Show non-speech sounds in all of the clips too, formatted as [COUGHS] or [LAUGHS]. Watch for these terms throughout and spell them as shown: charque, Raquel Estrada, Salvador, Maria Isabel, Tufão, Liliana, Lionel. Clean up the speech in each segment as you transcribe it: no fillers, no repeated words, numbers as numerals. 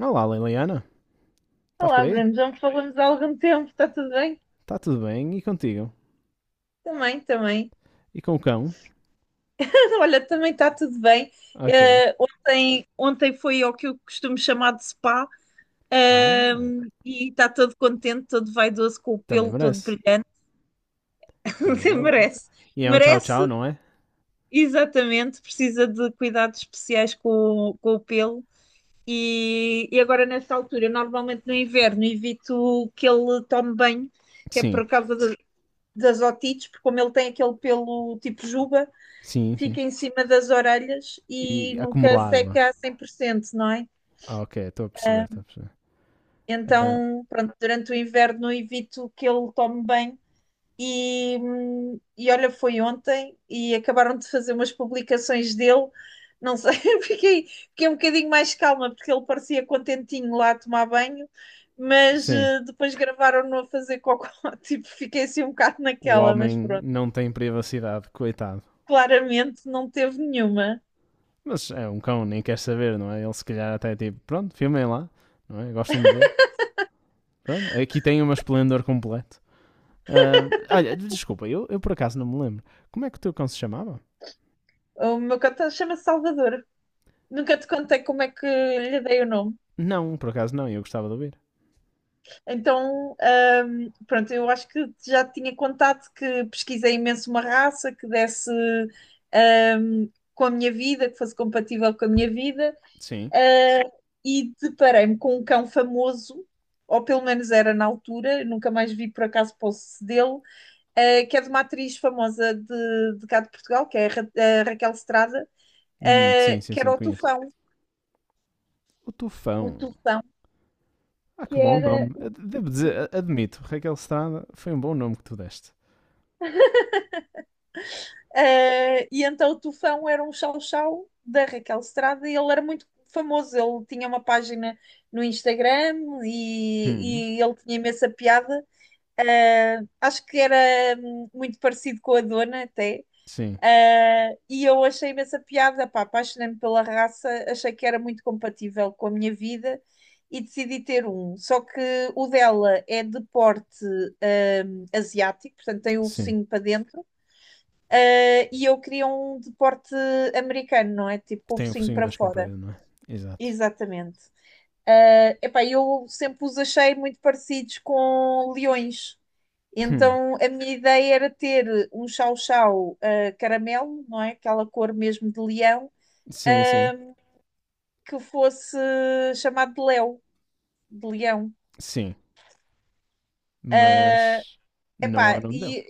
Olá, Liliana. Estás Olá, por aí? Bruno, já me falamos há algum tempo, está tudo bem? Está tudo bem? E contigo? Também, também. E com o cão? [LAUGHS] Olha, também está tudo bem. Ok. Eh, Ontem foi ao que eu costumo chamar de spa. Ah, E está todo contente, todo vaidoso, com o também pelo todo merece. brilhante. [LAUGHS] Também Sim, merece. merece, E é um merece, tchau-tchau, não é? exatamente. Precisa de cuidados especiais com o pelo. E, agora, nesta altura, normalmente no inverno, evito que ele tome banho, que é Sim. por causa da- das otites, porque como ele tem aquele pelo tipo juba, Sim, sim. fica em cima das orelhas e E nunca acumula água. seca a 100%, não é? Ah, ok. Estou a perceber, estou a perceber. Ah, Então, pronto, durante o inverno evito que ele tome bem. E olha, foi ontem e acabaram de fazer umas publicações dele. Não sei, [LAUGHS] fiquei um bocadinho mais calma porque ele parecia contentinho lá a tomar banho, mas sim. Depois gravaram-no a fazer cocó. [LAUGHS] Tipo, fiquei assim um bocado O naquela, mas homem pronto. não tem privacidade, coitado. Claramente não teve nenhuma. Mas é um cão, nem quer saber, não é? Ele se calhar até é tipo, pronto, filmem lá, não é? Gostam de ver. Pronto, aqui tem uma esplendor completo. Ah, olha, desculpa, eu por acaso não me lembro. Como é que o teu cão se chamava? O meu cão tá- Chama-se Salvador. Nunca te contei como é que lhe dei o nome. Não, por acaso não, eu gostava de ouvir. Então, pronto, eu acho que já te tinha contado que pesquisei imenso uma raça que desse, ahm, com a minha vida, que fosse compatível com a minha vida, Sim. ah, e deparei-me com um cão famoso, ou pelo menos era na altura, nunca mais vi por acaso posse dele, que é de uma atriz famosa de cá de Portugal, que é a a Raquel Estrada, Sim, sim, que sim, era conheço. O o Tufão. Tufão, Ah, que que bom era nome. Devo dizer, admito, Raquel Estrada foi um bom nome que tu deste. ah, e então o Tufão era um chau-chau da Raquel Estrada e ele era muito famoso. Ele tinha uma página no Instagram Hum, e, ele tinha imensa piada. Ah, acho que era muito parecido com a Dona até. sim, Ah, e eu achei imensa piada, pá, apaixonei-me pela raça, achei que era muito compatível com a minha vida e decidi ter um. Só que o dela é de porte asiático, portanto tem o sim. focinho para dentro, e eu queria um de porte americano, não é? Tipo Que com o tem o focinho focinho para mais fora. comprido, não é? Exato. Exatamente. Epá, eu sempre os achei muito parecidos com leões. Hum, Então a minha ideia era ter um chau-chau caramelo, não é? Aquela cor mesmo de leão, sim, sim, que fosse chamado de Léo, de leão. sim. Mas não é o Epá, nome dele. e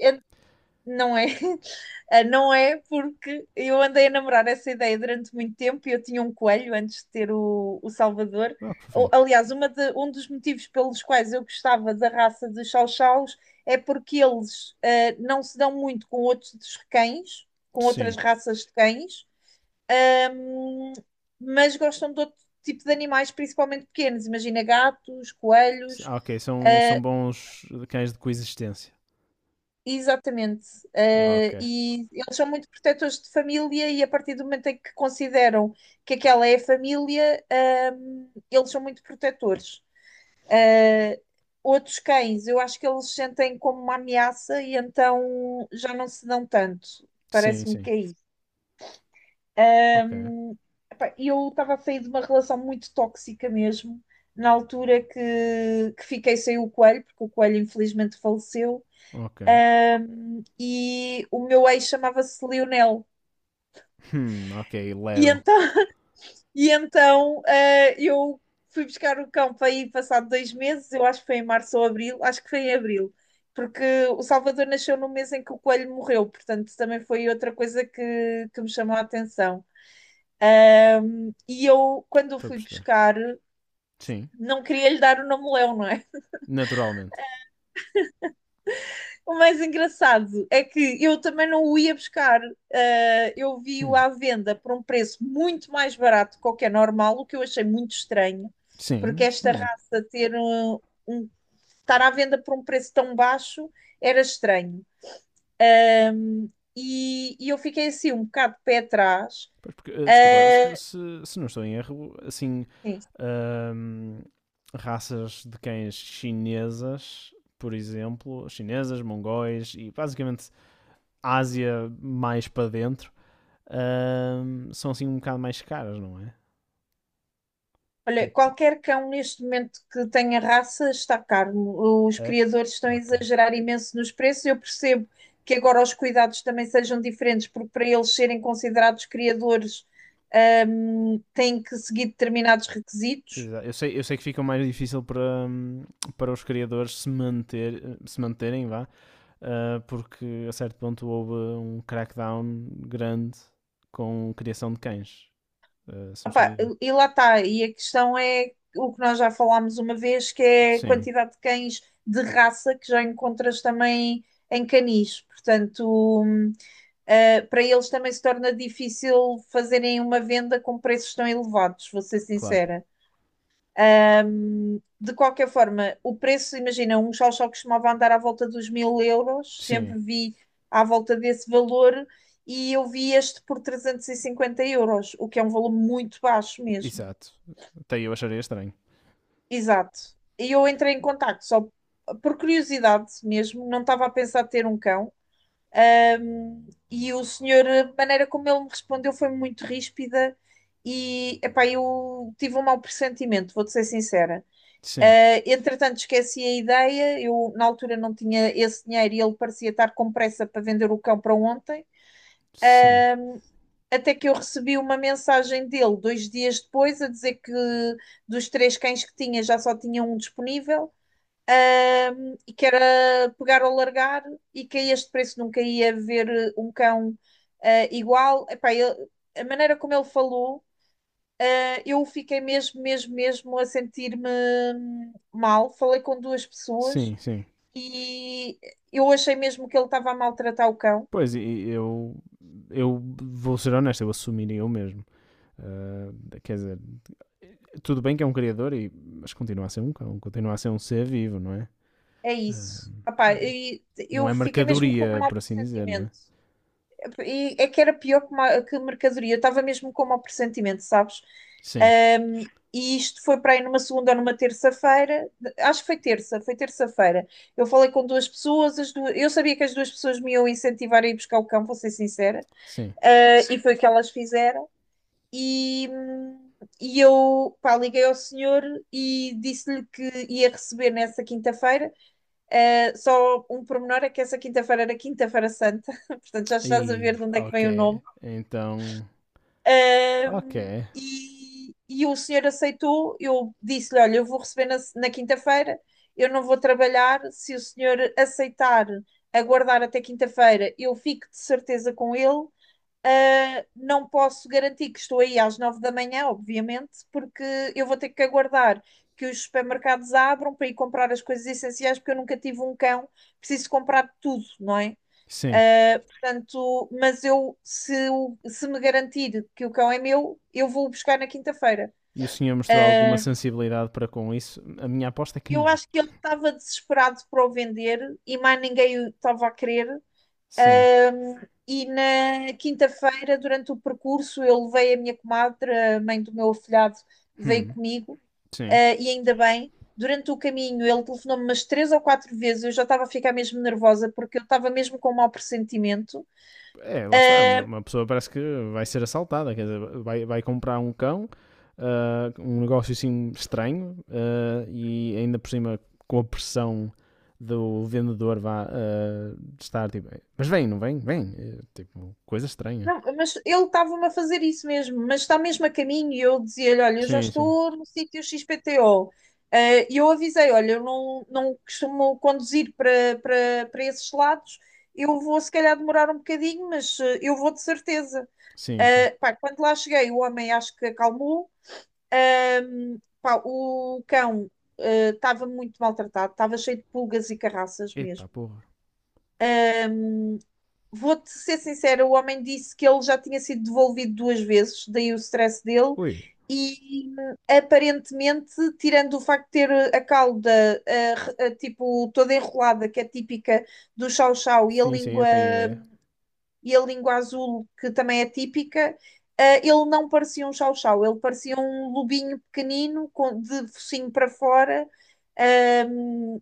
Não é. [LAUGHS] Ah, não é porque eu andei a namorar essa ideia durante muito tempo e eu tinha um coelho antes de ter o Salvador. Ah, que fofinho. Aliás, um dos motivos pelos quais eu gostava da raça de chow-chows é porque eles ah, não se dão muito com outros dos cães, com outras Sim. raças de cães, ahm, mas gostam de outro tipo de animais, principalmente pequenos. Imagina gatos, coelhos. Ah, ok, são bons cães de coexistência. Exatamente. Ah, ok. E eles são muito protetores de família e a partir do momento em que consideram que aquela é a família, eles são muito protetores. Eh, Outros cães, eu acho que eles sentem como uma ameaça e então já não se dão tanto. Sim, Parece-me sim. que é isso. Ok, Ehm, Epá, eu estava a sair de uma relação muito tóxica mesmo, na altura que fiquei sem o coelho, porque o coelho infelizmente faleceu. ok. E o meu ex chamava-se Lionel. Ok, E léo. então, [LAUGHS] e então eu fui buscar o cão para ir passado dois meses, eu acho que foi em março ou abril, acho que foi em abril, porque o Salvador nasceu no mês em que o coelho morreu, portanto também foi outra coisa que me chamou a atenção. E eu, quando o Estou a fui perceber. buscar, Sim. não queria lhe dar o nome Leão, não é? Naturalmente. O mais engraçado é que eu também não o ia buscar. Ah, eu vi-o Hum, à venda por um preço muito mais barato que o que é normal, o que eu achei muito estranho, porque Sim. esta Hum. raça ter um- estar à venda por um preço tão baixo era estranho. Ah, e, eu fiquei assim um bocado de pé atrás. Porque, desculpa, Ah, se não estou em erro, assim, sim. ahm, raças de cães chinesas, por exemplo, chinesas, mongóis e basicamente Ásia mais para dentro, são assim um bocado mais caras, não é? Olha, Tipo, qualquer cão neste momento que tenha raça está caro. Os é? criadores estão a Ok. exagerar imenso nos preços. Eu percebo que agora os cuidados também sejam diferentes, porque para eles serem considerados criadores, têm que seguir determinados requisitos. Eu sei que fica mais difícil para, hum, para os criadores se, manter, se manterem, vá, porque a certo ponto houve um crackdown grande com criação de cães, se não estou em Opá, erro. e lá está. E a questão é o que nós já falámos uma vez, que é a Sim, quantidade de cães de raça que já encontras também em canis. Portanto, hum, para eles também se torna difícil fazerem uma venda com preços tão elevados, vou ser claro. sincera. De qualquer forma, o preço, imagina, um chau-chau costumava andar à volta dos mil euros, Sim, sempre vi à volta desse valor e eu vi este por 350 euros, o que é um valor muito baixo mesmo. exato. Até eu acharia estranho. Exato. E eu entrei em contacto só por curiosidade mesmo, não estava a pensar ter um cão. E o senhor, a maneira como ele me respondeu foi muito ríspida e epá, eu tive um mau pressentimento, vou-te ser sincera. Sim, Entretanto, esqueci a ideia, eu na altura não tinha esse dinheiro e ele parecia estar com pressa para vender o cão para ontem. sim, Até que eu recebi uma mensagem dele dois dias depois a dizer que dos três cães que tinha já só tinha um disponível. E que era pegar ou largar, e que a este preço nunca ia ver um cão ah, igual. A maneira como ele falou, eu fiquei mesmo, mesmo, mesmo a sentir-me mal. Falei com duas pessoas sim, sim. e eu achei mesmo que ele estava a maltratar o cão. Pois, e eu vou ser honesto, eu assumiria eu mesmo. Ah, quer dizer, tudo bem que é um criador, mas continua a ser um cão, continua a ser um ser vivo, não é? É Ah, isso. Epá, e não eu é fiquei mesmo com um mercadoria, mau por assim dizer, não é? pressentimento. E é que era pior que mercadoria. Eu estava mesmo com um mau pressentimento, sabes? Sim, Um, e isto foi para aí numa segunda ou numa terça-feira. Acho que foi terça, foi terça-feira. Eu falei com duas pessoas, eu sabia que as duas pessoas me iam incentivar a ir buscar o cão, vou ser sincera. sim. E foi o que elas fizeram. E, hum, e eu, pá, liguei ao senhor e disse-lhe que ia receber nessa quinta-feira. Só um pormenor é que essa quinta-feira era Quinta-feira Santa, [LAUGHS] portanto já E, estás a ver de onde é que ok. vem o nome. Então, ok. Ahm, e, o senhor aceitou. Eu disse-lhe: "Olha, eu vou receber na quinta-feira, eu não vou trabalhar. Se o senhor aceitar aguardar até quinta-feira, eu fico de certeza com ele. Não posso garantir que estou aí às nove da manhã, obviamente, porque eu vou ter que aguardar que os supermercados abram para ir comprar as coisas essenciais, porque eu nunca tive um cão, preciso comprar tudo, não é? Sim. Portanto, mas eu, se me garantir que o cão é meu, eu vou o buscar na quinta-feira." E o senhor mostrou alguma Uh, sensibilidade para com isso? A minha aposta é que eu não. acho que ele estava desesperado para o vender e mais ninguém o estava a querer. Sim. Um, e na quinta-feira, durante o percurso, eu levei a minha comadre, a mãe do meu afilhado, veio Hum, comigo, sim. E ainda bem. Durante o caminho, ele telefonou-me umas três ou quatro vezes. Eu já estava a ficar mesmo nervosa porque eu estava mesmo com um mau pressentimento. É, lá está. Uma, Ah, uma pessoa parece que vai ser assaltada. Quer dizer, vai comprar um cão, um negócio assim estranho, e ainda por cima com a pressão do vendedor vá de estar tipo, mas vem, não vem? Vem. É, tipo, coisa estranha. não, mas ele estava-me a fazer isso mesmo, mas está mesmo a caminho e eu dizia-lhe: "Olha, eu já Sim, sim. estou no sítio XPTO." E eu avisei: "Olha, eu não, não costumo conduzir para esses lados, eu vou se calhar demorar um bocadinho, mas eh, eu vou de certeza." Sim, sim. Pá, quando lá cheguei, o homem acho que acalmou. Ahm, Pá, o cão estava muito maltratado, estava cheio de pulgas e carraças Epa, mesmo. porra. Vou-te ser sincera, o homem disse que ele já tinha sido devolvido duas vezes, daí o stress dele, Ui. e aparentemente, tirando o facto de ter a cauda tipo toda enrolada, que é típica do chau-chau, Sim, sim, eu tenho ideia. e a língua azul, que também é típica, ele não parecia um chau-chau, ele parecia um lobinho pequenino, com, de focinho para fora, ehm,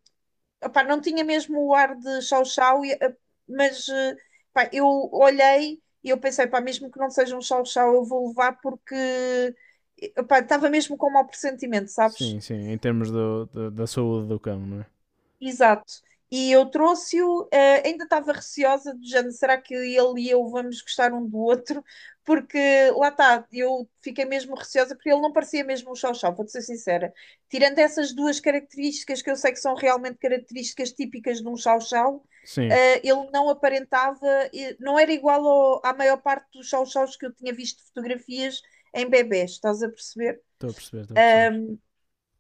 opá, não tinha mesmo o ar de chau-chau. Mas eh, Pá, eu olhei e eu pensei: "Pá, mesmo que não seja um chau-chau, eu vou levar porque opá, estava mesmo com um mau pressentimento, sabes?" Sim, sim, em termos da saúde do cão, não é? Exato. E eu trouxe-o, ainda estava receosa do género, será que ele e eu vamos gostar um do outro? Porque lá está, eu fiquei mesmo receosa porque ele não parecia mesmo um chau-chau, vou-te ser sincera. Tirando essas duas características que eu sei que são realmente características típicas de um chau-chau, Sim, ele não aparentava, não era igual à maior parte dos chau-chaus que eu tinha visto fotografias em bebés, estás a perceber? estou a perceber, estou a perceber.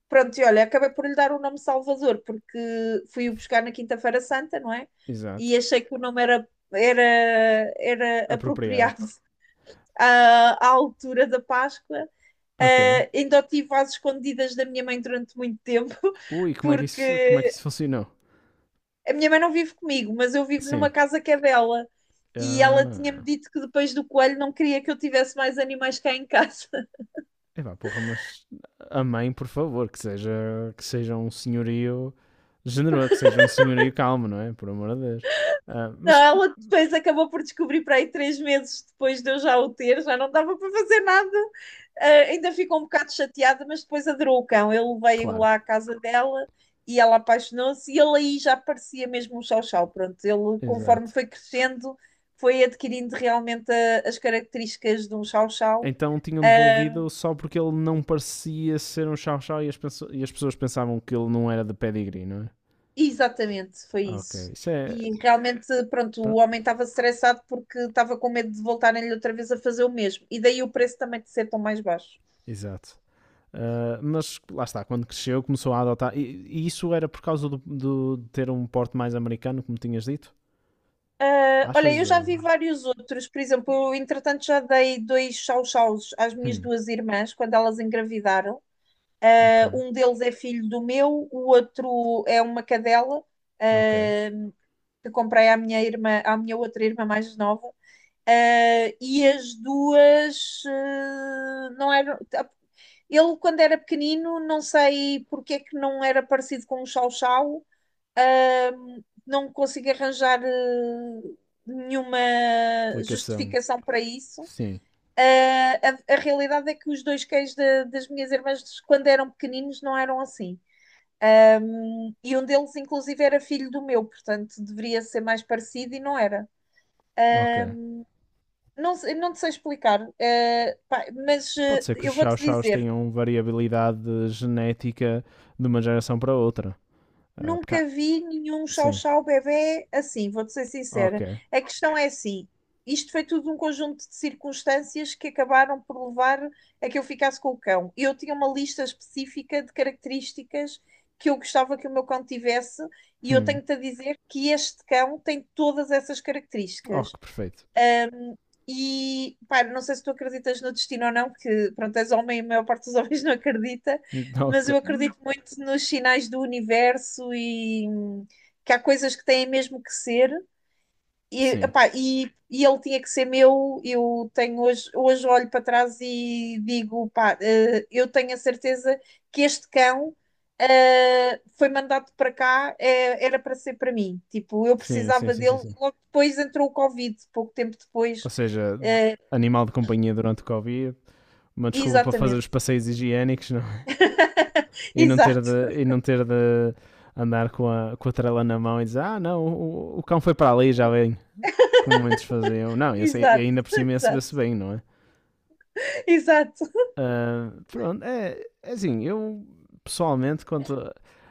Pronto, e olha, acabei por lhe dar o nome Salvador, porque fui o buscar na Quinta-feira Santa, não é? Exato. E achei que o nome era Apropriado. apropriado [LAUGHS] à, à altura da Páscoa. Ok. Ah, ainda o tive às escondidas da minha mãe durante muito tempo, Ui, [LAUGHS] como é que isso, como é que porque isso funcionou? a minha mãe não vive comigo, mas eu vivo numa Sim. casa que é dela. E ela tinha-me Ah. dito que depois do coelho não queria que eu tivesse mais animais cá em casa. Epá, porra, mas a mãe, por favor, que seja um senhorio generoso, que seja um senhorio calmo, não é? Por amor de Deus. Ah, Não, mas, ela depois acabou por descobrir para aí 3 meses depois de eu já o ter, já não dava para fazer nada. Ah, ainda ficou um bocado chateada, mas depois adorou o cão. Ele veio claro, lá à casa dela e ela apaixonou-se e ele aí já parecia mesmo um chau-chau. Pronto, ele conforme exato. foi crescendo, foi adquirindo realmente as características de um chau-chau. Então tinham Ah, devolvido só porque ele não parecia ser um chau-chau e as pessoas pensavam que ele não era de pedigree, não é? exatamente, foi Ok, isso. isso é. E realmente, pronto, o Pronto, homem estava estressado porque estava com medo de voltarem-lhe outra vez a fazer o mesmo. E daí o preço também de ser tão mais baixo. exato. Ah, mas lá está, quando cresceu começou a adotar. E isso era por causa de ter um porte mais americano, como tinhas dito? Ah, olha, eu Achas? já vi Ou... vários outros. Por exemplo, eu, entretanto, já dei dois chau-chaus às minhas Hum, duas irmãs quando elas engravidaram. ok, Ah, um deles é filho do meu, o outro é uma cadela, ok. ah, que comprei à minha irmã, à minha outra irmã mais nova. Ah, e as duas, ah, não eram. Tá. Ele, quando era pequenino, não sei porque é que não era parecido com o Chau Chau, ah, não consigo arranjar ah, nenhuma Explicação. justificação para isso. Sim, Ah, a realidade é que os dois cães das minhas irmãs, quando eram pequeninos, não eram assim. Ah, e um deles, inclusive, era filho do meu, portanto, deveria ser mais parecido e não era. ok. Não, não te sei explicar, eh, pá, mas Pode eh, ser que os eu vou-te chow-chows dizer, tenham variabilidade genética de uma geração para outra. Ah, nunca vi nenhum sim, chau-chau bebé assim, vou-te ser ok. sincera. A questão é assim, isto foi tudo um conjunto de circunstâncias que acabaram por levar a que eu ficasse com o cão. Eu tinha uma lista específica de características que eu gostava que o meu cão tivesse e eu Hum. tenho-te a dizer que este cão tem todas essas Oh, características. que perfeito. E, pá, não sei se tu acreditas no destino ou não, porque, pronto, és homem e a maior parte dos homens [LAUGHS] não acredita, [LAUGHS] mas Ok. eu acredito muito nos sinais do universo e que há coisas que têm mesmo que ser. E, sim, epá, e ele tinha que ser meu. Eu tenho hoje, hoje olho para trás e digo, pá, eh, eu tenho a certeza que este cão, eh, foi mandado para cá, eh, era para ser para mim. Tipo, eu sim, sim, precisava sim, sim, dele. sim. Logo depois entrou o Covid, pouco tempo Ou depois. seja, animal de companhia durante o Covid, uma desculpa para fazer Exatamente. os passeios higiênicos não? é? [LAUGHS] E não ter Exato, de, e não ter de andar com a trela na mão e dizer ah não, o cão foi para ali já vem, como muitos faziam. Não, esse, e exato. ainda por cima ia se Exato, se bem, não é? exato. Pronto, é assim, eu pessoalmente quanto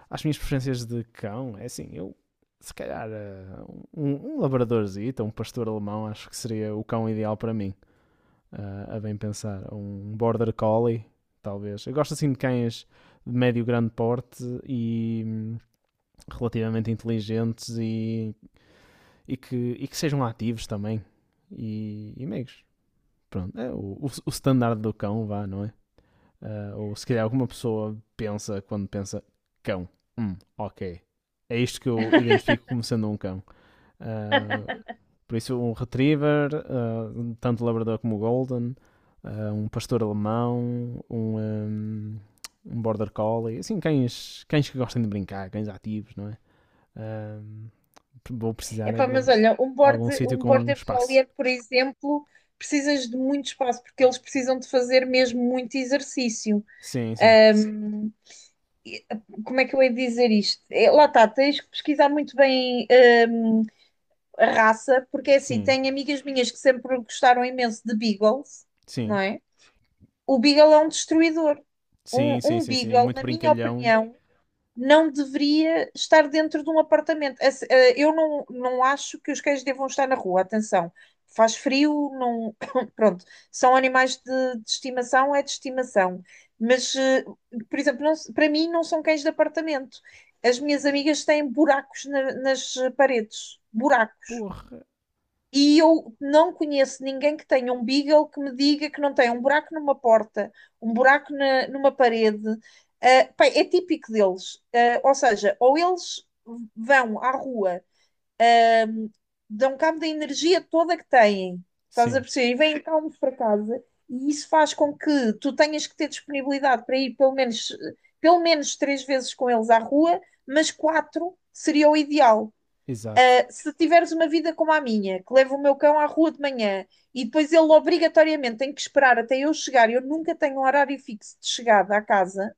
às minhas preferências de cão, é assim, eu se calhar um labradorzito, um pastor alemão, acho que seria o cão ideal para mim. A bem pensar. Um border collie, talvez. Eu gosto assim de cães de médio grande porte e relativamente inteligentes e que sejam ativos também e meigos. Pronto, é o standard do cão, vá, não é? Ah, ou se calhar alguma pessoa pensa quando pensa cão. Ok. É isto que eu identifico como sendo um cão. Ah, por isso, um retriever, tanto o labrador como o golden, um pastor alemão, um border collie, assim, cães que gostem de brincar, cães ativos, não é? Ahm, vou precisar é Epá, de mas olha, algum sítio um com border espaço. collier, por exemplo, precisas de muito espaço, porque eles precisam de fazer mesmo muito exercício. Sim, sim, E, eh, como é que eu hei de dizer isto? É, lá está, tens que pesquisar muito bem hum, a raça, porque é assim, sim, tenho amigas minhas que sempre gostaram imenso de beagles, não sim, é? O beagle é um destruidor. sim, Um, sim, um sim, sim, beagle, muito na minha brincalhão. opinião, não deveria estar dentro de um apartamento. Eh, eu não, não acho que os cães devam estar na rua, atenção. Faz frio, não. [COUGHS] Pronto, são animais de estimação, é de estimação. Mas, eh, por exemplo, para mim não são cães de apartamento. As minhas amigas têm buracos nas paredes, buracos, Porra, e eu não conheço ninguém que tenha um Beagle que me diga que não tem um buraco numa porta, um buraco numa parede. Ah, pá, é típico deles. Ah, ou seja, ou eles vão à rua, ahm, dão cabo da energia toda que têm, estás a sim, perceber? E vêm calmos para casa. E isso faz com que tu tenhas que ter disponibilidade para ir pelo menos 3 vezes com eles à rua, mas 4 seria o ideal. exato. Se tiveres uma vida como a minha, que leva o meu cão à rua de manhã e depois ele obrigatoriamente tem que esperar até eu chegar, eu nunca tenho um horário fixo de chegada à casa,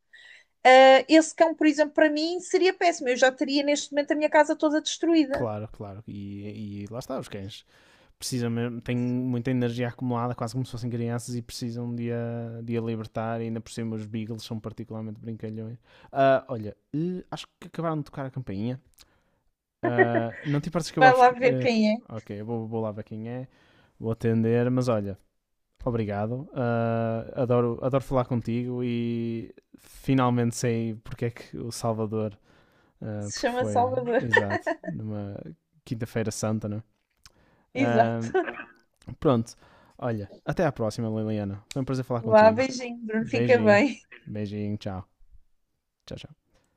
esse cão, por exemplo, para mim seria péssimo. Eu já teria neste momento a minha casa toda destruída. Claro, claro. E lá está, os cães precisam mesmo, têm muita energia acumulada, quase como se fossem crianças e precisam de a libertar. E ainda por cima, os Beagles são particularmente brincalhões. Ah, olha, acho que acabaram de tocar a campainha. Ah, não te importas que eu vá Vai lá buscar. ver quem é. Ok, eu vou, lá ver quem é, vou atender, mas olha. Obrigado, ah, adoro, adoro falar contigo e finalmente sei porque é que o Salvador, Se porque chama foi, Salvador. [LAUGHS] exato, numa quinta-feira santa, não é? Ah, Exato. pronto. Olha, até à próxima, Liliana. Foi um prazer falar Vá, contigo. beijinho, Bruno. Fica Beijinho. bem. Beijinho. Tchau. Tchau, tchau.